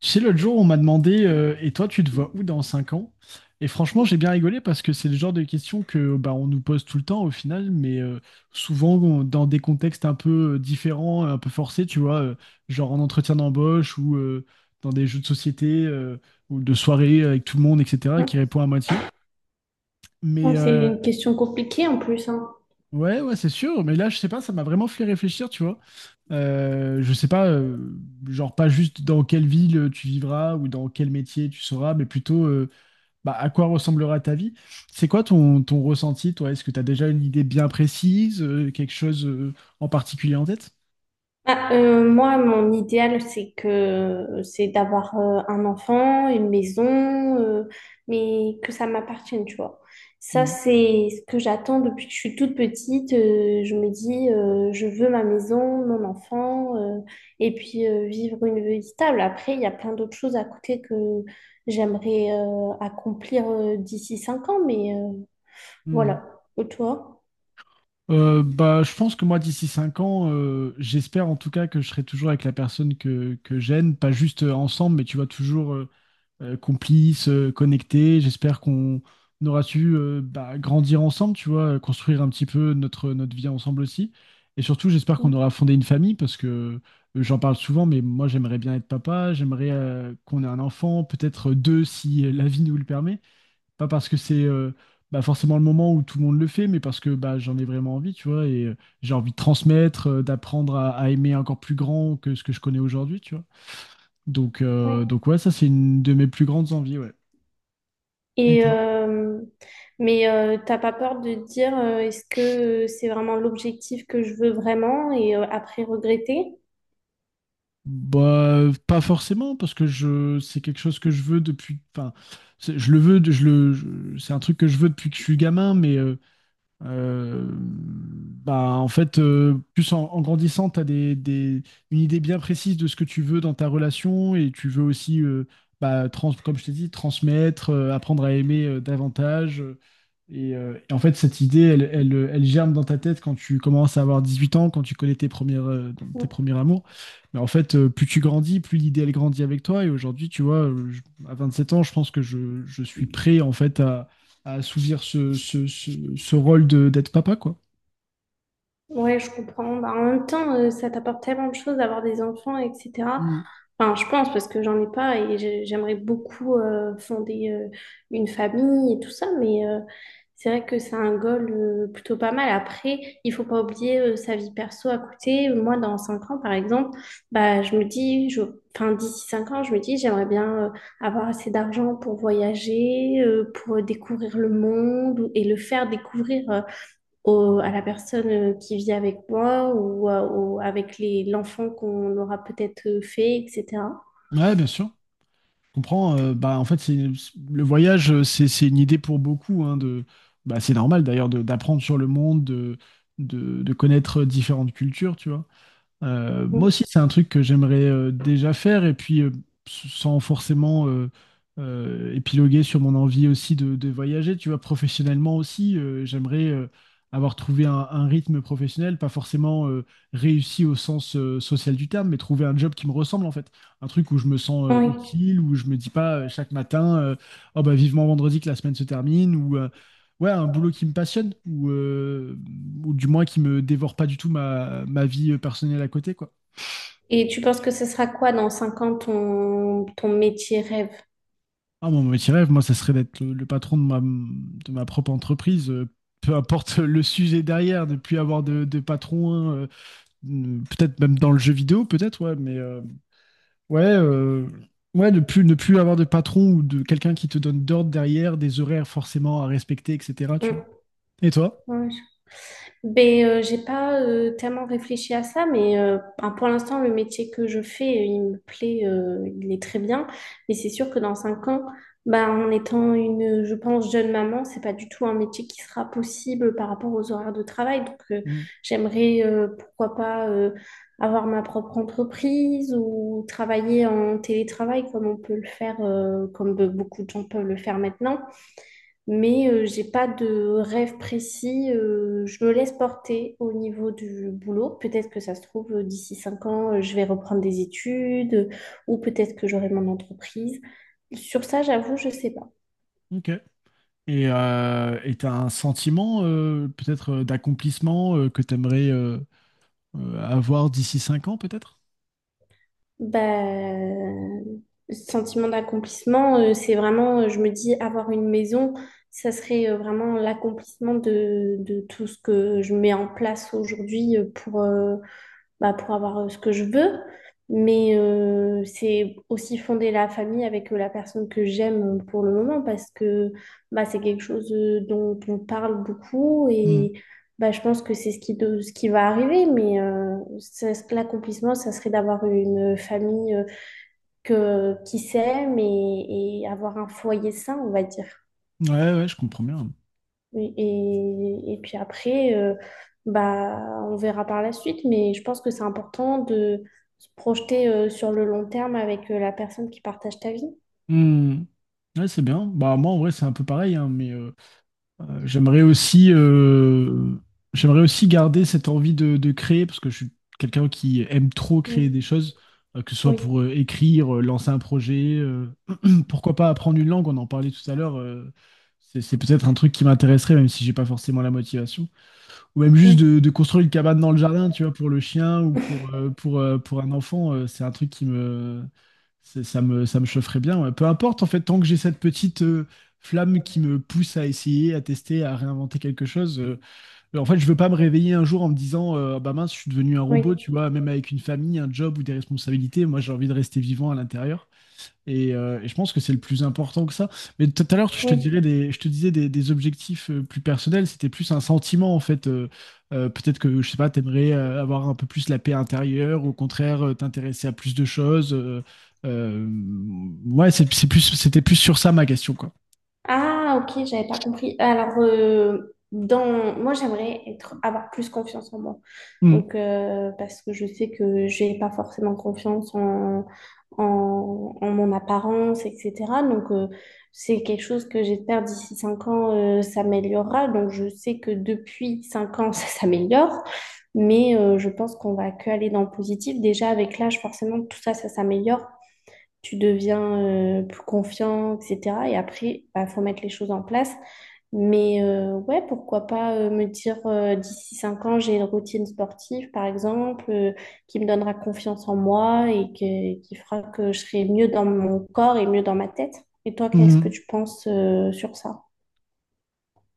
Tu sais, l'autre jour, on m'a demandé Et toi, tu te vois où dans 5 ans? Et franchement, j'ai bien rigolé parce que c'est le genre de questions que bah, on nous pose tout le temps au final, mais souvent dans des contextes un peu différents, un peu forcés, tu vois, genre en entretien d'embauche ou dans des jeux de société ou de soirée avec tout le monde, etc., Non. qui répond à moitié. Mais C'est euh, une question compliquée en plus, hein. Ouais, ouais, c'est sûr, mais là, je sais pas, ça m'a vraiment fait réfléchir, tu vois. Je sais pas, genre pas juste dans quelle ville tu vivras ou dans quel métier tu seras, mais plutôt bah, à quoi ressemblera ta vie. C'est quoi ton ressenti, toi? Est-ce que tu as déjà une idée bien précise, quelque chose en particulier en tête? Ah, moi, mon idéal, c'est d'avoir un enfant, une maison, euh, mais que ça m'appartienne, tu vois. Ça, Mm, c'est ce que j'attends depuis que je suis toute petite. Je me dis, je veux ma maison, mon enfant, et puis vivre une vie stable. Après, il y a plein d'autres choses à côté que j'aimerais accomplir d'ici 5 ans, mais mm. voilà. Et toi? Bah, je pense que moi, d'ici 5 ans, j'espère en tout cas que je serai toujours avec la personne que j'aime, pas juste ensemble, mais tu vois, toujours complices, connectés. J'espère qu'on aura su bah, grandir ensemble, tu vois, construire un petit peu notre vie ensemble aussi. Et surtout, j'espère qu'on aura fondé une famille parce que j'en parle souvent, mais moi, j'aimerais bien être papa, j'aimerais qu'on ait un enfant, peut-être deux si la vie nous le permet. Pas parce que c'est bah, forcément le moment où tout le monde le fait, mais parce que bah, j'en ai vraiment envie, tu vois, et j'ai envie de transmettre, d'apprendre à aimer encore plus grand que ce que je connais aujourd'hui, tu vois. Donc, Oui. euh, donc ouais, ça, c'est une de mes plus grandes envies, ouais. Et Et toi? euh, mais t'as pas peur de te dire est-ce que c'est vraiment l'objectif que je veux vraiment et après regretter? Bah, pas forcément, parce que c'est quelque chose que je veux depuis. Enfin, je le veux, c'est un truc que je veux depuis que je suis gamin, mais bah, en fait, plus en grandissant, tu as une idée bien précise de ce que tu veux dans ta relation et tu veux aussi, bah, comme je t'ai dit, transmettre, apprendre à aimer davantage. Et en fait, cette idée, elle germe dans ta tête quand tu commences à avoir 18 ans, quand tu connais tes premières, tes premiers amours. Mais en fait, plus tu grandis, plus l'idée, elle grandit avec toi. Et aujourd'hui, tu vois, à 27 ans, je pense que je suis prêt, en fait, à assouvir ce rôle d'être papa, quoi. Ouais, je comprends. Bah, en même temps, ça t'apporte tellement de choses d'avoir des enfants, etc. Mm. Enfin, je pense parce que j'en ai pas et j'aimerais beaucoup fonder une famille et tout ça, mais c'est vrai que c'est un goal plutôt pas mal. Après, il faut pas oublier sa vie perso à côté. Moi, dans 5 ans, par exemple, bah, je me dis, enfin, d'ici 5 ans, je me dis, j'aimerais bien avoir assez d'argent pour voyager, pour découvrir le monde et le faire découvrir. Au- à la personne qui vit avec moi ou avec l'enfant qu'on aura peut-être fait, etc. Ouais, bien sûr. Je comprends. Bah, en fait, le voyage, c'est une idée pour beaucoup, hein, bah, c'est normal d'ailleurs d'apprendre sur le monde, de connaître différentes cultures, tu vois. Moi aussi, Mm. c'est un truc que j'aimerais déjà faire, et puis sans forcément épiloguer sur mon envie aussi de voyager, tu vois, professionnellement aussi, j'aimerais avoir trouvé un rythme professionnel, pas forcément réussi au sens social du terme, mais trouver un job qui me ressemble en fait, un truc où je me sens Oui. utile, où je me dis pas chaque matin, oh bah vivement vendredi que la semaine se termine, ouais, un boulot qui me passionne ou du moins qui me dévore pas du tout ma vie personnelle à côté, quoi. Et tu penses que ce sera quoi dans 5 ans ton métier rêve? Ah, mon métier rêve, moi, ça serait d'être le patron de ma propre entreprise, peu importe le sujet derrière, de plus avoir de patron, peut-être même dans le jeu vidéo, peut-être, ouais, mais ouais, ouais, ne plus avoir de patron ou de quelqu'un qui te donne d'ordre derrière, des horaires forcément à respecter, etc., tu Mm. vois. Et toi? Ouais, ben, j'ai pas tellement réfléchi à ça, mais ben, pour l'instant, le métier que je fais, il me plaît, il est très bien. Mais c'est sûr que dans 5 ans, ben, en étant une, je pense, jeune maman, c'est pas du tout un métier qui sera possible par rapport aux horaires de travail. Donc, Mm. j'aimerais, pourquoi pas, avoir ma propre entreprise ou travailler en télétravail comme on peut le faire, comme beaucoup de gens peuvent le faire maintenant. Mais j'ai pas de rêve précis. Je me laisse porter au niveau du boulot. Peut-être que ça se trouve, d'ici 5 ans, je vais reprendre des études ou peut-être que j'aurai mon entreprise. Sur ça, j'avoue, je sais pas. Ok. Et t'as un sentiment peut-être d'accomplissement que t'aimerais avoir d'ici 5 ans peut-être? Bah, sentiment d'accomplissement, c'est vraiment, je me dis, avoir une maison, ça serait vraiment l'accomplissement de tout ce que je mets en place aujourd'hui pour avoir ce que je veux. Mais c'est aussi fonder la famille avec la personne que j'aime pour le moment parce que bah, c'est quelque chose dont on parle beaucoup Mm. et bah, je pense que c'est ce qui va arriver. Mais l'accomplissement, ça serait d'avoir une famille qui s'aime et avoir un foyer sain, on va dire. Ouais, ouais, je comprends bien. Oui. Et puis après, bah, on verra par la suite, mais je pense que c'est important de se projeter sur le long terme avec la personne qui partage ta vie. Mm. Ouais, c'est bien. Bah moi en vrai c'est un peu pareil, hein, mais Euh, J'aimerais aussi, euh, j'aimerais aussi garder cette envie de créer, parce que je suis quelqu'un qui aime trop créer Mm. des choses, que ce soit Oui, pour écrire, lancer un projet, pourquoi pas apprendre une langue, on en parlait tout à l'heure, c'est peut-être un truc qui m'intéresserait, même si j'ai pas forcément la motivation ou même juste oui, de construire une cabane dans le jardin, tu vois, pour le chien ou pour un enfant, c'est un truc qui me, ça me chaufferait bien. Ouais. Peu importe, en fait, tant que j'ai cette petite flamme qui me pousse à essayer, à tester, à réinventer quelque chose, en fait, je veux pas me réveiller un jour en me disant, ah bah mince, je suis devenu un oui, robot, tu vois, même avec une famille, un job ou des responsabilités, moi, j'ai envie de rester vivant à l'intérieur. Et je pense que c'est le plus important que ça. Mais tout à l'heure, oui. Je te disais des objectifs plus personnels. C'était plus un sentiment, en fait. Peut-être que, je sais pas, t'aimerais avoir un peu plus la paix intérieure, ou au contraire, t'intéresser à plus de choses. Euh, ouais, c'était plus sur ça ma question, quoi. Ah, ok, j'avais pas compris. Alors, moi, j'aimerais avoir plus confiance en moi. Mm. Donc, parce que je sais que j'ai pas forcément confiance en mon apparence, etc. Donc, c'est quelque chose que j'espère d'ici 5 ans, s'améliorera. Donc, je sais que depuis 5 ans, ça s'améliore. Mais je pense qu'on va que aller dans le positif. Déjà, avec l'âge, forcément, tout ça, ça s'améliore. Tu deviens plus confiant, etc. Et après, il faut mettre les choses en place. Mais ouais, pourquoi pas me dire d'ici 5 ans, j'ai une routine sportive, par exemple, qui me donnera confiance en moi et qui fera que je serai mieux dans mon corps et mieux dans ma tête. Et toi, qu'est-ce que Mm. tu penses sur ça?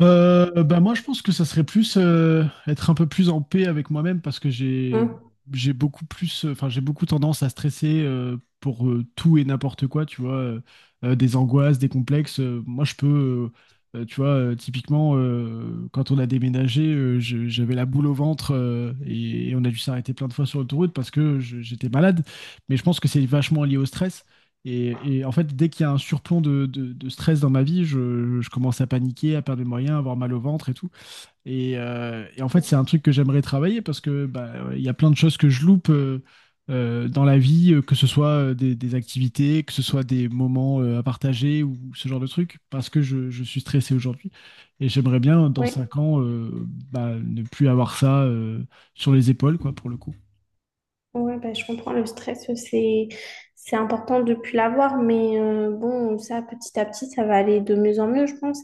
Bah moi, je pense que ça serait plus être un peu plus en paix avec moi-même parce que Hein? Enfin j'ai beaucoup tendance à stresser pour tout et n'importe quoi, tu vois, des angoisses, des complexes. Moi, tu vois, typiquement quand on a déménagé, j'avais la boule au ventre et on a dû s'arrêter plein de fois sur l'autoroute parce que j'étais malade. Mais je pense que c'est vachement lié au stress. Et en fait, dès qu'il y a un surplomb de stress dans ma vie, je commence à paniquer, à perdre mes moyens, à avoir mal au ventre et tout. Et en fait, c'est un truc que j'aimerais travailler parce que bah, il y a plein de choses que je loupe dans la vie, que ce soit des activités, que ce soit des moments à partager ou ce genre de trucs, parce que je suis stressé aujourd'hui. Et j'aimerais bien, dans Oui. 5 ans, bah, ne plus avoir ça sur les épaules, quoi, pour le coup. Ouais, bah, je comprends le stress, c'est important de plus l'avoir, mais bon, ça petit à petit, ça va aller de mieux en mieux, je pense.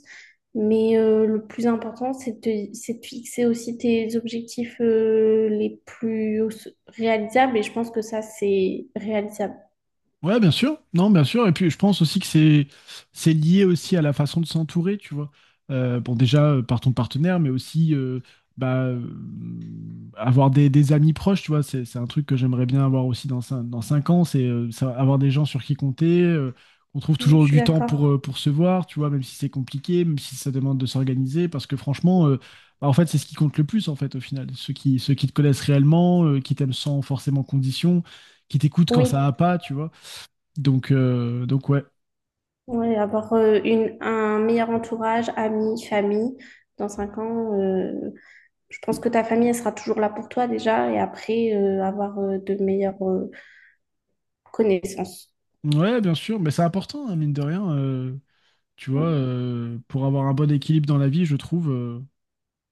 Mais le plus important, c'est de fixer aussi tes objectifs les plus réalisables, et je pense que ça, c'est réalisable. Ouais, bien sûr. Non, bien sûr. Et puis, je pense aussi que c'est lié aussi à la façon de s'entourer, tu vois. Bon, déjà par ton partenaire, mais aussi bah, avoir des amis proches, tu vois. C'est un truc que j'aimerais bien avoir aussi dans dans 5 ans, c'est avoir des gens sur qui compter. On trouve Mm, je toujours suis du temps pour euh, d'accord. pour se voir, tu vois, même si c'est compliqué, même si ça demande de s'organiser, parce que franchement. Bah, en fait, c'est ce qui compte le plus, en fait, au final. Ceux qui te connaissent réellement, qui t'aiment sans forcément condition, qui t'écoutent quand ça Oui, va pas, tu vois. Donc ouais. ouais, avoir un meilleur entourage, amis, famille. Dans cinq ans, je pense que ta famille, elle sera toujours là pour toi déjà, et après, avoir de meilleurs connaissance. Ouais, bien sûr, mais c'est important, hein, mine de rien. Tu vois, pour avoir un bon équilibre dans la vie, je trouve,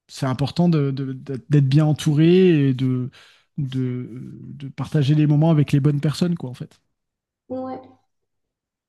c'est important d'être bien entouré et de, de partager les moments avec les bonnes personnes, quoi, en fait. Ouais.